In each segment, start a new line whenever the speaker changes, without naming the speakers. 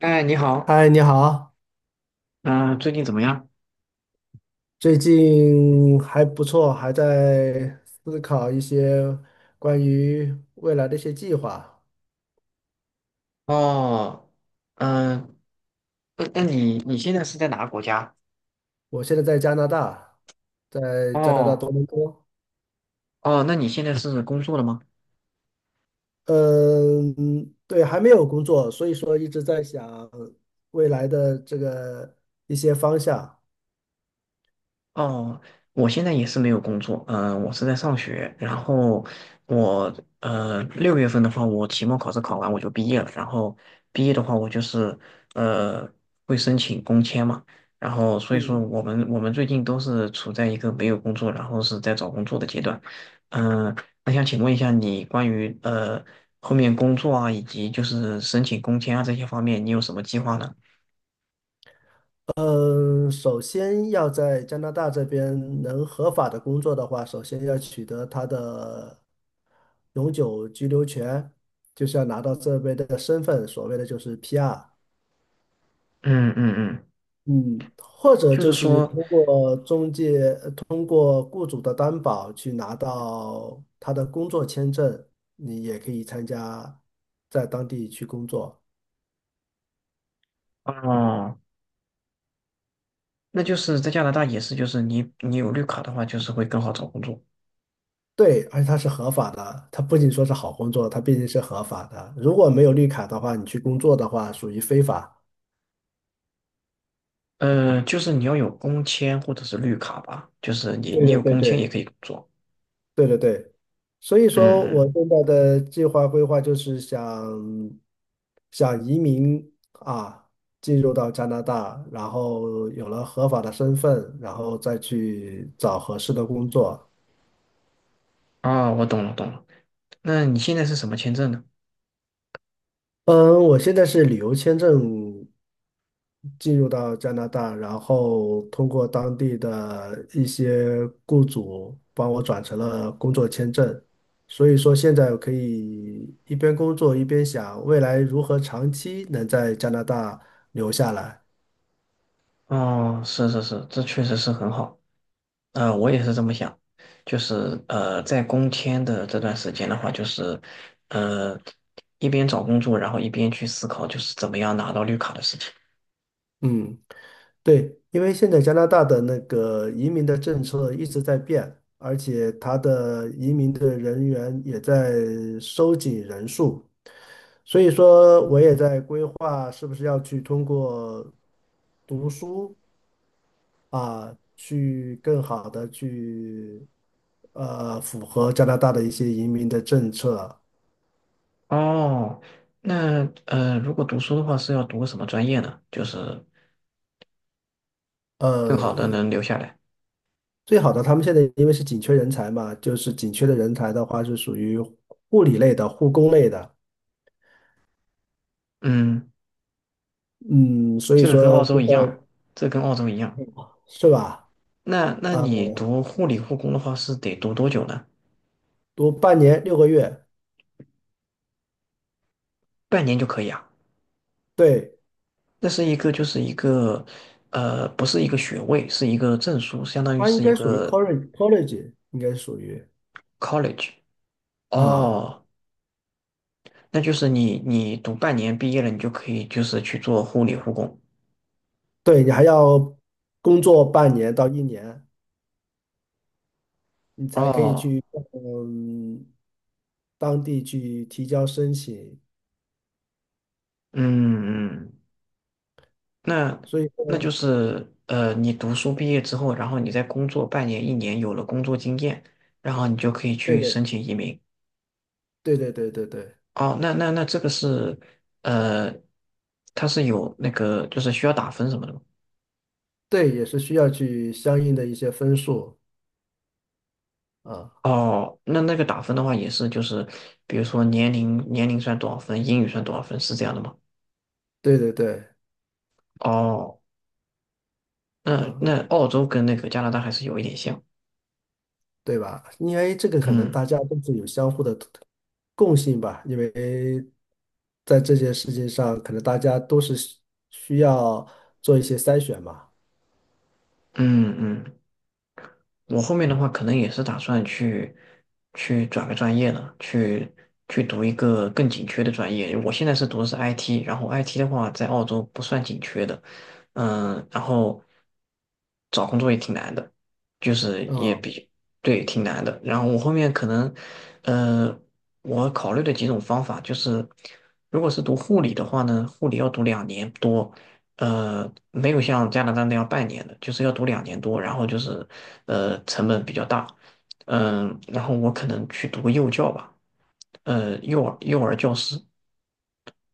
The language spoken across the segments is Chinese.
哎，你好。
嗨，你好，
嗯、最近怎么样？
最近还不错，还在思考一些关于未来的一些计划。
哦。嗯、那你现在是在哪个国家？
我现在在加拿大，在加拿大
哦
多伦多。
哦，那你现在是工作了吗？
嗯，对，还没有工作，所以说一直在想未来的这个一些方向。
哦，我现在也是没有工作。嗯、我是在上学，然后我六月份的话，我期末考试考完我就毕业了，然后毕业的话，我就是呃会申请工签嘛，然后所以说
嗯。
我们最近都是处在一个没有工作，然后是在找工作的阶段。嗯、那想请问一下你关于后面工作啊，以及就是申请工签啊这些方面，你有什么计划呢？
嗯，首先要在加拿大这边能合法的工作的话，首先要取得他的永久居留权，就是要拿到这边的身份，所谓的就是 PR。
嗯嗯嗯。
嗯，或者
就
就
是
是
说，
通过中介，通过雇主的担保去拿到他的工作签证，你也可以参加在当地去工作。
哦。那就是在加拿大也是，就是你有绿卡的话，就是会更好找工作。
对，而且它是合法的，它不仅说是好工作，它毕竟是合法的。如果没有绿卡的话，你去工作的话，属于非法。
呃，就是你要有工签或者是绿卡吧，就是你
对
你
对
有
对
工签也
对
可以做。
对对对，所以
嗯
说我
嗯。
现在的计划规划就是想移民啊，进入到加拿大，然后有了合法的身份，然后再去找合适的工作。
啊，我懂了懂了。那你现在是什么签证呢？
嗯，我现在是旅游签证进入到加拿大，然后通过当地的一些雇主帮我转成了工作签证，所以说现在我可以一边工作一边想未来如何长期能在加拿大留下来。
哦，是是是，这确实是很好。呃，我也是这么想，就是呃，在工签的这段时间的话，就是呃，一边找工作，然后一边去思考，就是怎么样拿到绿卡的事情。
嗯。对，因为现在加拿大的那个移民的政策一直在变，而且它的移民的人员也在收紧人数，所以说我也在规划是不是要去通过读书啊，去更好的去符合加拿大的一些移民的政策。
哦，那呃，如果读书的话是要读个什么专业呢？就是更好的
嗯，
能留下来。
最好的他们现在因为是紧缺人才嘛，就是紧缺的人才的话是属于护理类的、护工类的。
嗯，
嗯，所以
这个跟
说
澳洲
就
一样，
在。
这跟澳洲一样。
是吧？
那那
啊、
你读护理护工的话是得读多久呢？
读半年6个月。
半年就可以啊。
对，
那是一个就是一个，呃，不是一个学位，是一个证书，相当于
它应
是一
该属于
个
college，应该属于
college。
啊，
哦，那就是你读半年毕业了，你就可以就是去做护理护工。
对你还要工作半年到1年，你才可以
哦，
去嗯当地去提交申请。
嗯嗯。那
所以
那就
说，
是呃，你读书毕业之后，然后你在工作半年、一年，有了工作经验，然后你就可以
对
去
对
申请移民。
对对对对对
哦，那那那这个是呃，它是有那个就是需要打分什么的吗？
对，也是需要去相应的一些分数啊，
哦，那那个打分的话也是就是，比如说年龄算多少分，英语算多少分，是这样的吗？
对对对
哦，
啊。
那那澳洲跟那个加拿大还是有一点像。
对吧？因为这个可能
嗯
大家都是有相互的共性吧，因为在这件事情上，可能大家都是需要做一些筛选嘛。
嗯嗯。我后面的话可能也是打算去去转个专业了，去去读一个更紧缺的专业。我现在是读的是 IT，然后 IT 的话在澳洲不算紧缺的。嗯，然后找工作也挺难的，就是也
啊，
比对挺难的。然后我后面可能，呃，我考虑的几种方法就是，如果是读护理的话呢，护理要读两年多，呃，没有像加拿大那样半年的，就是要读两年多，然后就是，呃，成本比较大。然后我可能去读幼教吧，呃，幼儿教师，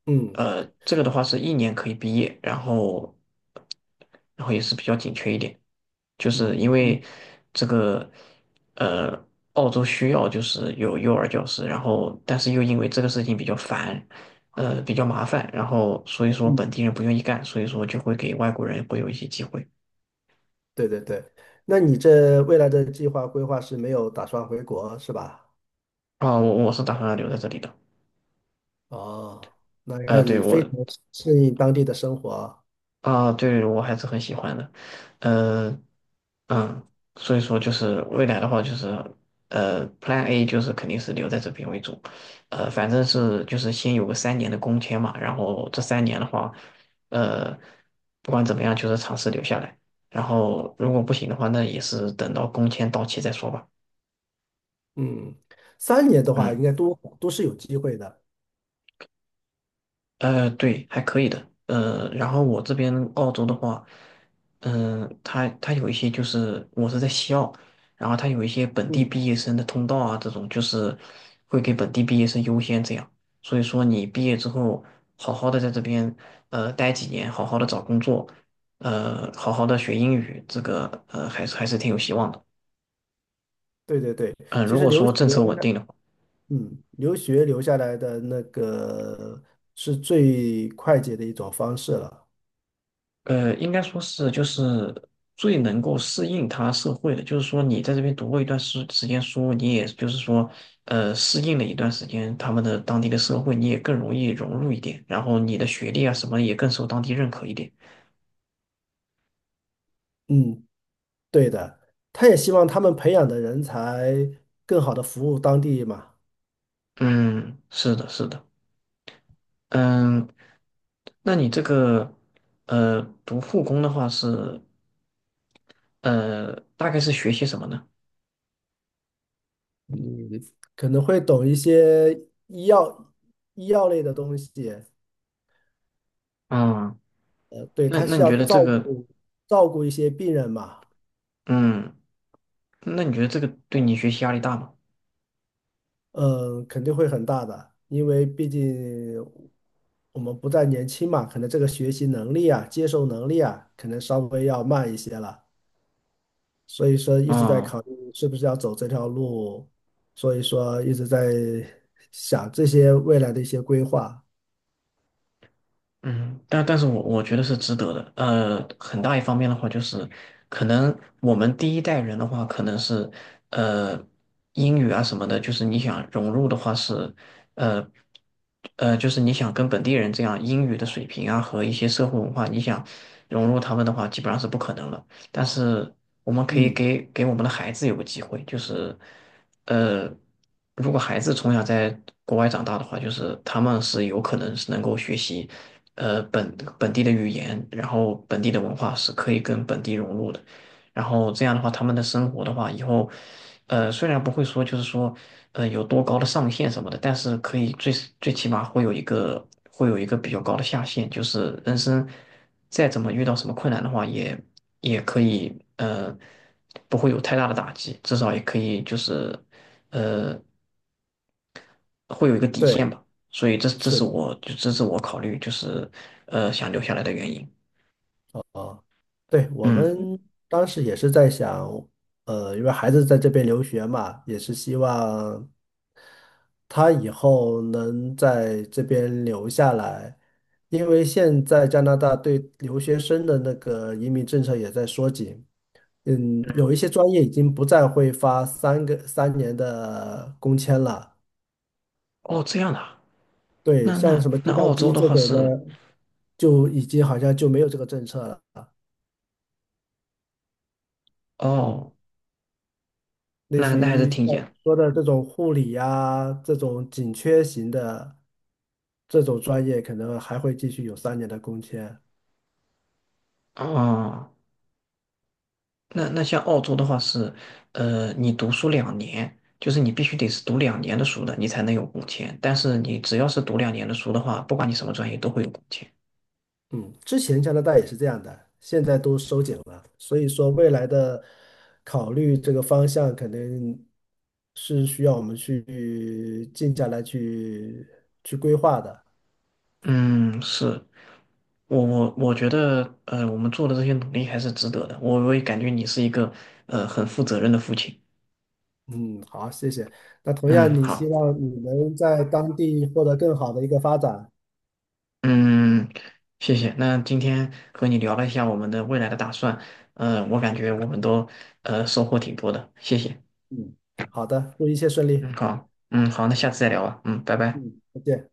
嗯
呃，这个的话是一年可以毕业，然后然后也是比较紧缺一点，就是因
嗯
为
嗯
这个呃，澳洲需要就是有幼儿教师，然后但是又因为这个事情比较烦，呃，比较麻烦，然后所以说本
嗯，
地人不愿意干，所以说就会给外国人会有一些机会。
对对对。那你这未来的计划规划是没有打算回国是吧？
啊，我我是打算留在这里的，
哦，那你
呃，
看
对
你
我
非常适应当地的生活。
啊，对，我还是很喜欢的，呃，嗯，所以说就是未来的话，就是呃，Plan A 就是肯定是留在这边为主，呃，反正是就是先有个三年的工签嘛，然后这三年的话，呃，不管怎么样，就是尝试留下来，然后如果不行的话，那也是等到工签到期再说吧。
嗯，三年的话，
嗯。
应该都是有机会的。
呃，对，还可以的。呃，然后我这边澳洲的话，它有一些就是我是在西澳，然后它有一些本地
嗯，
毕业生的通道啊，这种就是会给本地毕业生优先这样。所以说你毕业之后，好好的在这边呃待几年，好好的找工作，呃，好好的学英语，这个呃还是还是挺有希望的。
对对对，
嗯、
其
如
实
果
留
说
学。
政策稳定的话。
嗯，留学留下来的那个是最快捷的一种方式了。
呃，应该说是就是最能够适应他社会的，就是说你在这边读过一段时间书，你也就是说，呃，适应了一段时间他们的当地的社会，你也更容易融入一点，然后你的学历啊什么也更受当地认可一点。
嗯，对的，他也希望他们培养的人才更好的服务当地嘛。
嗯，是的，是的。嗯，那你这个呃读护工的话是呃大概是学些什么呢？
嗯，可能会懂一些医药医药类的东西。
嗯，
对，
那
他
那
是
你
要
觉得
照
这个
顾照顾一些病人嘛。
嗯，那你觉得这个对你学习压力大吗？
嗯，肯定会很大的，因为毕竟我们不再年轻嘛，可能这个学习能力啊、接受能力啊，可能稍微要慢一些了。所以说一直在
嗯。
考虑是不是要走这条路，所以说一直在想这些未来的一些规划。
嗯，但但是我觉得是值得的。呃，很大一方面的话，就是可能我们第一代人的话，可能是呃英语啊什么的，就是你想融入的话是呃呃，就是你想跟本地人这样英语的水平啊和一些社会文化，你想融入他们的话，基本上是不可能了。但是我们可以
嗯，
给我们的孩子有个机会，就是呃，如果孩子从小在国外长大的话，就是他们是有可能是能够学习。呃本地的语言，然后本地的文化是可以跟本地融入的。然后这样的话，他们的生活的话，以后，呃，虽然不会说就是说，呃，有多高的上限什么的，但是可以最最起码会有一个会有一个比较高的下限，就是人生再怎么遇到什么困难的话，也也可以呃不会有太大的打击，至少也可以就是呃会有一个底线
对，
吧。所以这
是
是
的。
我就这是我考虑就是呃想留下来的原因。
啊，对，我
嗯，
们当时也是在想，因为孩子在这边留学嘛，也是希望他以后能在这边留下来，因为现在加拿大对留学生的那个移民政策也在缩紧。嗯，有一些专业已经不再会发3个三年的工签了。
哦，这样的啊，
对，
那
像
那
什么计
那澳
算
洲
机
的
这
话
种的，
是，
就已经好像就没有这个政策了。嗯，
哦，
类
那
似
那还是
于像
挺严
我说的这种护理呀、这种紧缺型的这种专业，可能还会继续有三年的工签。
哦。那那像澳洲的话是，呃，你读书两年，就是你必须得是读两年的书的，你才能有工签。但是你只要是读两年的书的话，不管你什么专业都会有工签。
嗯，之前加拿大也是这样的，现在都收紧了，所以说未来的考虑这个方向肯定是需要我们去静下来去规划的。
嗯，是我觉得，呃，我们做的这些努力还是值得的。我也感觉你是一个，呃，很负责任的父亲。
嗯，好，谢谢。那同样，
嗯，
你希
好。
望你能在当地获得更好的一个发展。
嗯，谢谢。那今天和你聊了一下我们的未来的打算，呃，我感觉我们都呃收获挺多的，谢谢。
嗯，好的，祝一切顺
嗯，
利。
好，嗯，好，那下次再聊吧。嗯，拜拜。
嗯，再见。